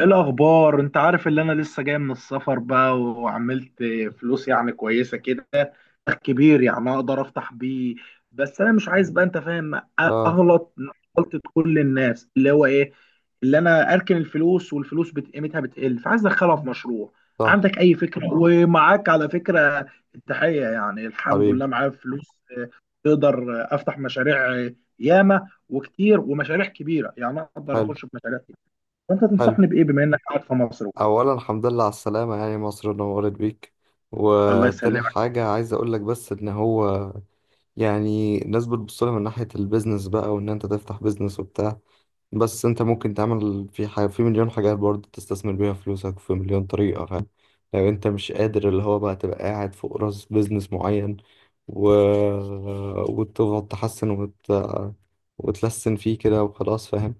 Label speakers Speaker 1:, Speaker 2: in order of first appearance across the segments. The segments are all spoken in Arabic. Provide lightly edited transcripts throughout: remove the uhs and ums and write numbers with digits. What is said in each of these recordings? Speaker 1: إيه الاخبار؟ انت عارف اللي انا لسه جاي من السفر بقى وعملت فلوس يعني كويسه كده، كبير يعني اقدر افتح بيه. بس انا مش عايز بقى، انت فاهم،
Speaker 2: اه،
Speaker 1: اغلط غلطه كل الناس، اللي هو ايه، اللي انا اركن الفلوس والفلوس قيمتها بتقل، فعايز ادخلها في مشروع.
Speaker 2: صح،
Speaker 1: عندك اي فكره؟ ومعاك على فكره التحيه، يعني الحمد لله
Speaker 2: حبيبي.
Speaker 1: معايا فلوس. آه، تقدر افتح مشاريع، ياما وكتير ومشاريع كبيره، يعني اقدر
Speaker 2: حلو
Speaker 1: اخش في مشاريع. فانت
Speaker 2: حلو،
Speaker 1: تنصحني بايه بما انك قاعد في مصر وكده؟
Speaker 2: اولا الحمد لله على السلامه، يعني مصر نورت بيك.
Speaker 1: الله
Speaker 2: وتاني
Speaker 1: يسلمك.
Speaker 2: حاجه عايز اقول لك بس ان هو يعني الناس بتبص لها من ناحيه البيزنس بقى، وان انت تفتح بيزنس وبتاع. بس انت ممكن تعمل في حاجه في مليون حاجات برضه، تستثمر بيها فلوسك في مليون طريقه، فاهم. لو انت مش قادر اللي هو بقى تبقى قاعد فوق راس بيزنس معين و... وتفضل تحسن وتلسن فيه كده وخلاص، فاهم.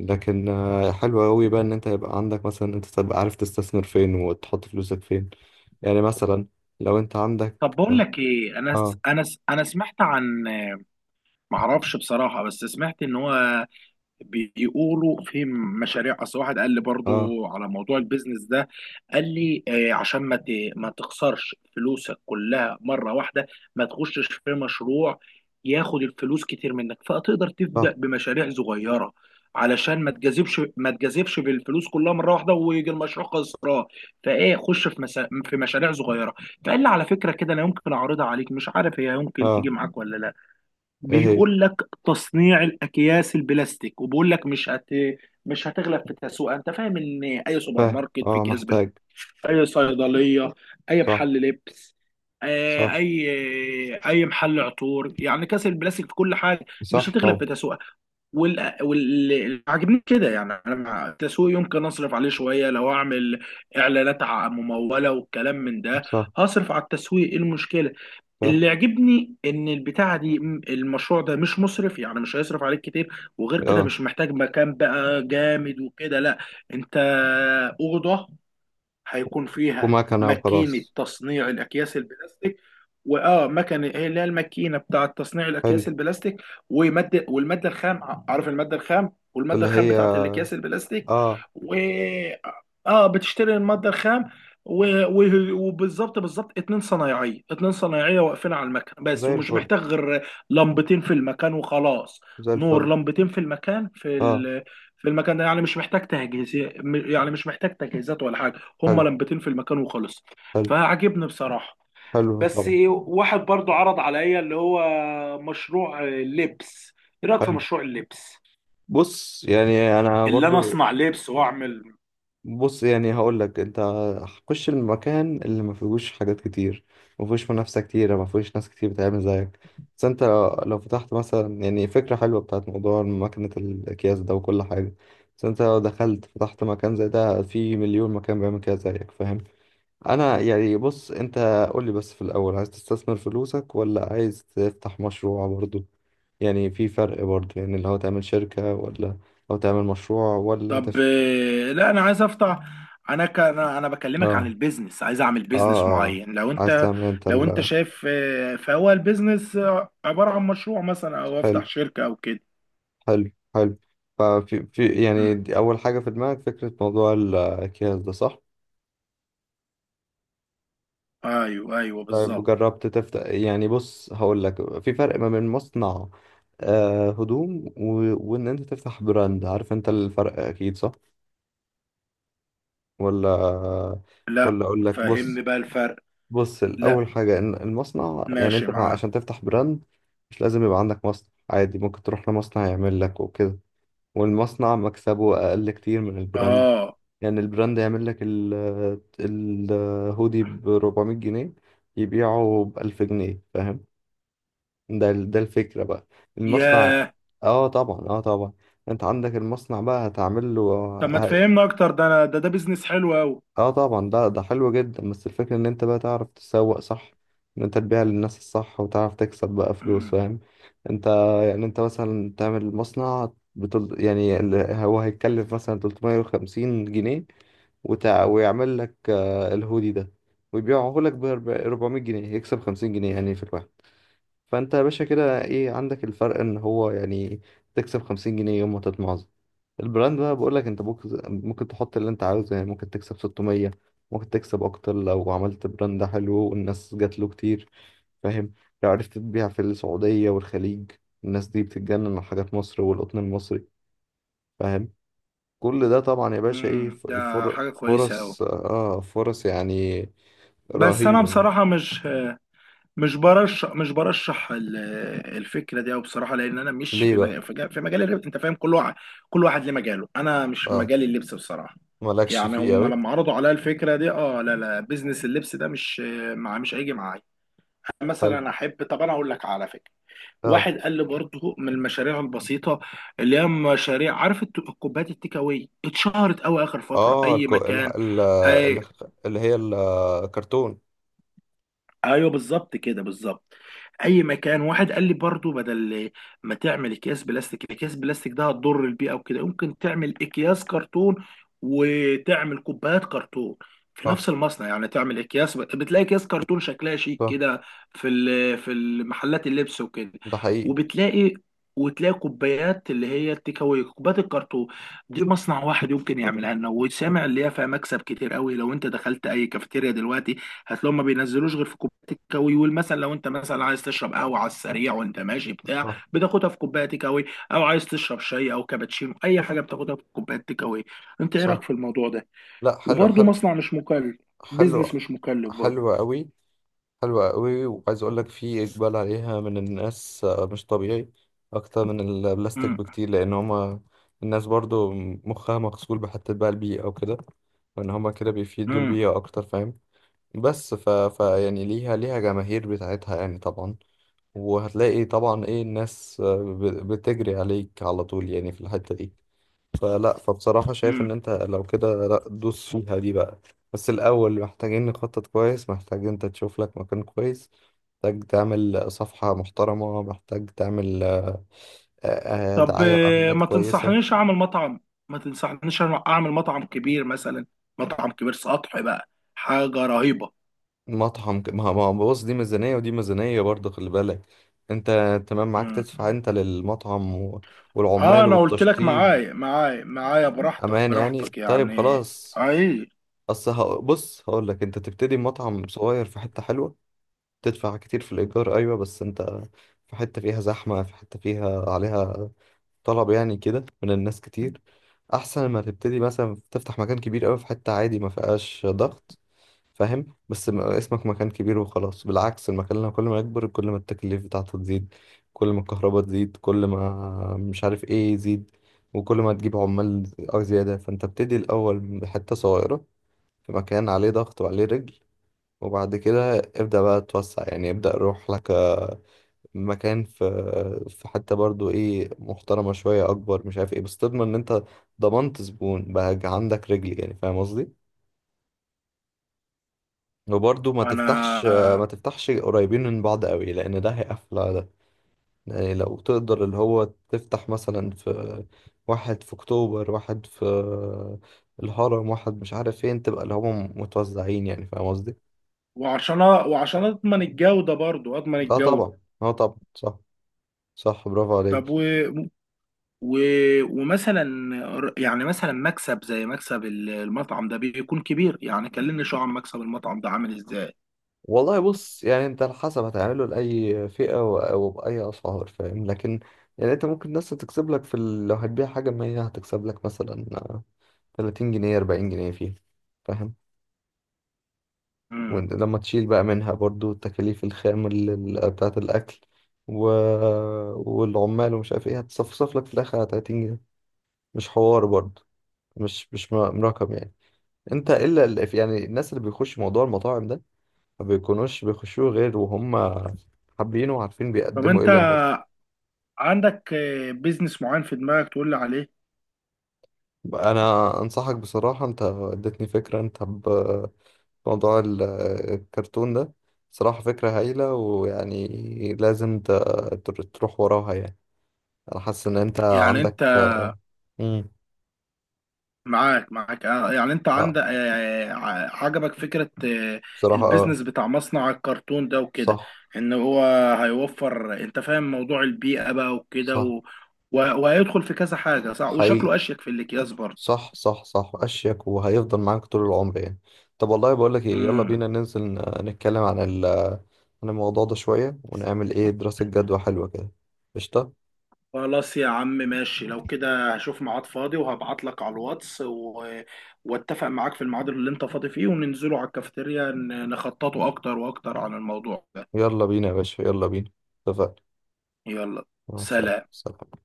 Speaker 2: لكن حلو قوي بقى ان انت يبقى عندك مثلا، انت تبقى عارف تستثمر فين وتحط فلوسك فين. يعني مثلا لو انت عندك.
Speaker 1: طب بقول لك ايه،
Speaker 2: اه
Speaker 1: انا سمعت عن، معرفش بصراحه، بس سمعت ان هو بيقولوا في مشاريع. اصل واحد قال لي
Speaker 2: اه،
Speaker 1: برضو على موضوع البيزنس ده، قال لي عشان ما تخسرش فلوسك كلها مره واحده، ما تخشش في مشروع ياخد الفلوس كتير منك، فتقدر تبدا
Speaker 2: صح.
Speaker 1: بمشاريع صغيره، علشان ما تجذبش، بالفلوس كلها مره واحده ويجي المشروع خسران. فايه، خش في مشاريع صغيره. فقال لي على فكره كده، انا يمكن اعرضها عليك، مش عارف هي يمكن تيجي
Speaker 2: اه،
Speaker 1: معاك ولا لا.
Speaker 2: ايه هي؟
Speaker 1: بيقول لك تصنيع الاكياس البلاستيك، وبيقول لك مش هتغلب في التسوق. انت فاهم ان اي سوبر
Speaker 2: فاهم،
Speaker 1: ماركت في
Speaker 2: اه،
Speaker 1: اكياس بلاستيك،
Speaker 2: محتاج.
Speaker 1: اي صيدليه، اي
Speaker 2: صح
Speaker 1: محل لبس، آه،
Speaker 2: صح
Speaker 1: اي اي محل عطور، يعني كاس البلاستيك في كل حاجه، مش
Speaker 2: صح،
Speaker 1: هتغلب
Speaker 2: طبعا.
Speaker 1: في تسوقها. وال عاجبني كده، يعني انا مع التسويق يمكن اصرف عليه شويه، لو اعمل اعلانات مموله والكلام من ده،
Speaker 2: صح
Speaker 1: هصرف على التسويق، ايه المشكله؟
Speaker 2: صح،
Speaker 1: اللي عجبني ان البتاعه دي، المشروع ده مش مصرف، يعني مش هيصرف عليك كتير. وغير كده
Speaker 2: اه،
Speaker 1: مش محتاج مكان بقى جامد وكده، لا. انت اوضه هيكون فيها
Speaker 2: ومكنة
Speaker 1: ماكينة
Speaker 2: وخلاص.
Speaker 1: تصنيع الأكياس البلاستيك، وآه مكنة هي اللي هي الماكينة بتاعة تصنيع
Speaker 2: حلو،
Speaker 1: الأكياس البلاستيك. ومادة، والمادة الخام، عارف المادة الخام، والمادة
Speaker 2: اللي
Speaker 1: الخام
Speaker 2: هي
Speaker 1: بتاعة الأكياس البلاستيك.
Speaker 2: اه.
Speaker 1: و آه بتشتري المادة الخام و... و... وبالظبط بالظبط اتنين صنايعية، واقفين على المكن بس،
Speaker 2: زي
Speaker 1: ومش
Speaker 2: الفل،
Speaker 1: محتاج غير لمبتين في المكان وخلاص.
Speaker 2: زي الفل.
Speaker 1: نور لمبتين في المكان
Speaker 2: اه،
Speaker 1: في المكان ده، يعني مش محتاج تجهيز، يعني مش محتاج تجهيزات ولا حاجة. هما
Speaker 2: حلو
Speaker 1: لمبتين في المكان وخلص.
Speaker 2: حلو.
Speaker 1: فعجبني بصراحة.
Speaker 2: حلو
Speaker 1: بس
Speaker 2: طبعا.
Speaker 1: واحد برضو عرض عليا اللي هو مشروع لبس، ايه رأيك في
Speaker 2: حلو،
Speaker 1: مشروع اللبس؟
Speaker 2: بص يعني انا
Speaker 1: اللي انا
Speaker 2: برضو.
Speaker 1: اصنع لبس واعمل.
Speaker 2: بص يعني هقول لك انت، خش المكان اللي ما فيهوش حاجات كتير، ما فيهوش منافسه كتير، ما فيهوش ناس كتير بتعمل زيك. بس انت لو فتحت مثلا يعني فكره حلوه بتاعت موضوع ماكينه الاكياس ده وكل حاجه. بس انت لو دخلت فتحت مكان زي ده، في مليون مكان بيعمل كده زيك، فاهم. انا يعني بص انت، قول لي بس في الاول، عايز تستثمر فلوسك ولا عايز تفتح مشروع برضو؟ يعني في فرق برضو، يعني اللي هو تعمل شركه ولا لو تعمل مشروع ولا
Speaker 1: طب لا انا عايز افتح، انا ك... انا أنا بكلمك عن
Speaker 2: تفتح.
Speaker 1: البيزنس، عايز اعمل
Speaker 2: اه
Speaker 1: بيزنس
Speaker 2: اه،
Speaker 1: معين. لو
Speaker 2: عايز
Speaker 1: انت،
Speaker 2: تعمل انت
Speaker 1: لو انت
Speaker 2: ال.
Speaker 1: شايف، فهو البيزنس عبارة عن مشروع مثلا، او
Speaker 2: حلو
Speaker 1: افتح شركة او كده.
Speaker 2: حلو حلو، ففي يعني
Speaker 1: مم.
Speaker 2: دي أول حاجة في دماغك، فكرة موضوع الأكياس ده، صح؟
Speaker 1: ايوه ايوه
Speaker 2: طيب
Speaker 1: بالظبط.
Speaker 2: وجربت تفتح؟ يعني بص هقول لك، في فرق ما بين مصنع آه هدوم، وإن أنت تفتح براند، عارف أنت الفرق أكيد، صح؟ ولا؟
Speaker 1: لا،
Speaker 2: ولا أقول لك؟
Speaker 1: فهمني
Speaker 2: بص،
Speaker 1: بقى الفرق.
Speaker 2: بص
Speaker 1: لا،
Speaker 2: الأول حاجة إن المصنع، يعني
Speaker 1: ماشي معاه.
Speaker 2: عشان تفتح براند مش لازم يبقى عندك مصنع، عادي ممكن تروح لمصنع يعمل لك وكده، والمصنع مكسبه أقل كتير من البراند.
Speaker 1: اه.
Speaker 2: يعني البراند يعمل لك ال الهودي ب 400 جنيه، يبيعه ب 1000 جنيه، فاهم. ده الفكرة بقى. المصنع،
Speaker 1: ياه.
Speaker 2: اه طبعا اه طبعا، انت عندك المصنع بقى هتعمل له.
Speaker 1: طب ما تفهمنا اكتر، ده انا ده ده بيزنس حلو قوي.
Speaker 2: اه طبعا، ده ده حلو جدا، بس الفكرة ان انت بقى تعرف تسوق صح، ان انت تبيع للناس الصح وتعرف تكسب بقى فلوس،
Speaker 1: امم.
Speaker 2: فاهم. انت يعني انت مثلا تعمل مصنع يعني ال، هو هيتكلف مثلا 350 جنيه، ويعمل لك الهودي ده، ويبيعه لك ب 400 جنيه، يكسب 50 جنيه يعني في الواحد. فانت يا باشا كده ايه عندك الفرق، ان هو يعني تكسب 50 جنيه يوم ما تطمع. البراند بقى بقول لك انت ممكن، ممكن تحط اللي انت عاوزه، يعني ممكن تكسب 600، ممكن تكسب اكتر لو عملت براند حلو والناس جات له كتير، فاهم. لو عرفت تبيع في السعودية والخليج، الناس دي بتتجنن على حاجات مصر والقطن المصري، فاهم. كل ده طبعا يا باشا ايه
Speaker 1: امم، ده حاجه كويسه قوي،
Speaker 2: فرص، اه فرص يعني
Speaker 1: بس انا
Speaker 2: رهيبة.
Speaker 1: بصراحه مش، مش برشح، الفكره دي قوي بصراحه، لان انا مش
Speaker 2: ليه
Speaker 1: في
Speaker 2: بقى؟
Speaker 1: مجال، في مجال الربح. انت فاهم، كل واحد، ليه مجاله، انا مش في
Speaker 2: اه،
Speaker 1: مجال اللبس بصراحه.
Speaker 2: مالكش
Speaker 1: يعني
Speaker 2: فيه
Speaker 1: هم
Speaker 2: قوي.
Speaker 1: لما عرضوا عليا الفكره دي، اه لا لا، بيزنس اللبس ده مش، مش هيجي معايا
Speaker 2: حلو،
Speaker 1: مثلا. احب، طب انا اقول لك على فكره،
Speaker 2: اه
Speaker 1: واحد قال لي برضه من المشاريع البسيطه، اللي هي مشاريع، عارف الكوبايات التيك اواي اتشهرت قوي اخر فتره،
Speaker 2: اه،
Speaker 1: اي
Speaker 2: الكو... ال...
Speaker 1: مكان.
Speaker 2: ال... ال-
Speaker 1: أي،
Speaker 2: اللي هي الكرتون.
Speaker 1: ايوه بالظبط كده، بالظبط. اي مكان. واحد قال لي برضو، بدل ما تعمل اكياس بلاستيك، الاكياس بلاستيك ده هتضر البيئه وكده، ممكن تعمل اكياس كرتون وتعمل كوبايات كرتون في
Speaker 2: صح
Speaker 1: نفس المصنع. يعني تعمل اكياس، بتلاقي اكياس كرتون شكلها شيك
Speaker 2: صح،
Speaker 1: كده في المحلات اللبس وكده،
Speaker 2: ده حقيقي.
Speaker 1: وبتلاقي، وتلاقي كوبايات اللي هي التيك اواي، كوبايات الكرتون دي، مصنع واحد يمكن يعملها لنا. وسامع اللي هي فيها مكسب كتير قوي. لو انت دخلت اي كافيتيريا دلوقتي، هتلاقيهم ما بينزلوش غير في كوبايه تيكاوي. والمثل، لو انت مثلا عايز تشرب قهوه على السريع وانت ماشي، بتاع، بتاخدها في كوبايه تيكاوي. او عايز تشرب شاي او كابتشينو، اي حاجه بتاخدها في كوبايه تيكاوي. انت ايه رايك في
Speaker 2: صح.
Speaker 1: الموضوع ده؟
Speaker 2: لا، حلو
Speaker 1: وبرده
Speaker 2: حلو
Speaker 1: مصنع مش مكلف، بيزنس
Speaker 2: حلو،
Speaker 1: مش مكلف برضه.
Speaker 2: حلوة قوي. حلوة قوي، وعايز اقول لك في اقبال عليها من الناس مش طبيعي، اكتر من البلاستيك
Speaker 1: امم.
Speaker 2: بكتير، لان هما الناس برضو مخها مغسول بحتة بقى البيئة او كده، وان هما كده بيفيدوا
Speaker 1: امم.
Speaker 2: البيئة اكتر، فاهم. بس ف يعني ليها جماهير بتاعتها يعني طبعا، وهتلاقي طبعا ايه الناس بتجري عليك على طول يعني في الحتة دي. فلا فبصراحة شايف
Speaker 1: امم.
Speaker 2: إن أنت لو كده، لا دوس فيها دي بقى. بس الأول محتاجين نخطط كويس، محتاج أنت تشوف لك مكان كويس، محتاج تعمل صفحة محترمة، محتاج تعمل
Speaker 1: طب
Speaker 2: دعاية وإعلانات
Speaker 1: ما
Speaker 2: كويسة.
Speaker 1: تنصحنيش اعمل مطعم، ما تنصحنيش أنا اعمل مطعم كبير مثلا، مطعم كبير سطح بقى، حاجه رهيبه.
Speaker 2: مطعم ك- ما ما بص دي ميزانية ودي ميزانية برضه، خلي بالك. أنت تمام معاك
Speaker 1: امم.
Speaker 2: تدفع أنت للمطعم
Speaker 1: اه
Speaker 2: والعمال
Speaker 1: انا قلت لك
Speaker 2: والتشطيب.
Speaker 1: معايا، براحتك،
Speaker 2: أمان يعني، طيب
Speaker 1: يعني.
Speaker 2: خلاص.
Speaker 1: اي.
Speaker 2: بص هقول لك، أنت تبتدي مطعم صغير في حتة حلوة، تدفع كتير في الإيجار أيوة، بس أنت في حتة فيها زحمة، في حتة فيها عليها طلب يعني كده من الناس كتير، أحسن ما تبتدي مثلا تفتح مكان كبير أوي في حتة عادي ما فيهاش ضغط، فاهم. اسمك مكان كبير وخلاص، بالعكس المكان لما كل ما يكبر كل ما التكاليف بتاعته تزيد، كل ما الكهرباء تزيد، كل ما مش عارف ايه يزيد، وكل ما تجيب عمال أو زيادة. فانت ابتدي الأول بحتة صغيرة في مكان عليه ضغط وعليه رجل، وبعد كده ابدأ بقى توسع، يعني ابدأ روح لك مكان في حتة برضو ايه محترمة شوية أكبر مش عارف ايه، بس تضمن إن أنت ضمنت زبون بقى عندك رجل، يعني فاهم قصدي؟ وبرضو
Speaker 1: انا،
Speaker 2: ما تفتحش قريبين من بعض قوي، لأن ده هيقفل على ده. يعني لو تقدر اللي هو تفتح مثلا في واحد في أكتوبر، واحد في الهرم، واحد مش عارف فين، تبقى اللي هم متوزعين، يعني فاهم قصدي؟
Speaker 1: وعشان، اضمن الجودة برضو، اضمن
Speaker 2: اه
Speaker 1: الجودة.
Speaker 2: طبعا اه طبعا صح، صح برافو
Speaker 1: طب
Speaker 2: عليك.
Speaker 1: و... ومثلا، يعني مثلا مكسب زي مكسب المطعم ده بيكون كبير؟ يعني كلمني شو عن مكسب المطعم ده عامل ازاي.
Speaker 2: والله بص يعني انت على حسب هتعمله لأي فئة أو بأي أسعار، فاهم، لكن يعني انت ممكن الناس تكسب لك في ال، لو هتبيع حاجة مية هتكسب لك مثلا تلاتين جنيه أربعين جنيه فيها، فاهم.
Speaker 1: امم.
Speaker 2: وانت لما تشيل بقى منها برضو تكاليف الخام بتاعة الأكل و... والعمال ومش عارف ايه، هتصفصف لك في الآخر على تلاتين جنيه، مش حوار برضو، مش رقم يعني. انت يعني الناس اللي بيخش موضوع المطاعم ده ما بيكونوش بيخشوه غير وهم حابينه وعارفين
Speaker 1: طب
Speaker 2: بيقدموا ايه
Speaker 1: انت
Speaker 2: للناس.
Speaker 1: عندك بيزنس معين في دماغك تقول لي عليه؟
Speaker 2: انا انصحك بصراحة، انت اديتني فكرة انت بموضوع ال- الكرتون ده، صراحة فكرة هايلة، ويعني لازم تروح وراها يعني. انا حاسس ان انت
Speaker 1: يعني انت
Speaker 2: عندك. مم.
Speaker 1: معاك، يعني انت
Speaker 2: اه،
Speaker 1: عندك، عجبك فكرة،
Speaker 2: بصراحة اه.
Speaker 1: البيزنس بتاع مصنع الكرتون ده وكده،
Speaker 2: صح
Speaker 1: ان هو هيوفر، انت فاهم، موضوع البيئة بقى وكده
Speaker 2: صح،
Speaker 1: وهيدخل في كذا حاجة صح،
Speaker 2: حقيقي.
Speaker 1: وشكله اشيك في الاكياس برضه.
Speaker 2: صح صح صح، اشيك، وهيفضل معاك طول العمر يعني. طب والله بقول لك ايه، يلا
Speaker 1: امم.
Speaker 2: بينا ننزل نتكلم عن ال، عن الموضوع ده شوية، ونعمل ايه دراسة جدوى حلوة كده. قشطة.
Speaker 1: خلاص يا عم ماشي، لو كده هشوف ميعاد فاضي وهبعت لك على الواتس، واتفق معاك في الميعاد اللي انت فاضي فيه، وننزله على الكافيتيريا نخططه اكتر واكتر عن الموضوع ده.
Speaker 2: يلا بينا يا باشا، يلا بينا. اتفقنا.
Speaker 1: يلا،
Speaker 2: مع السلامة،
Speaker 1: سلام.
Speaker 2: سلام.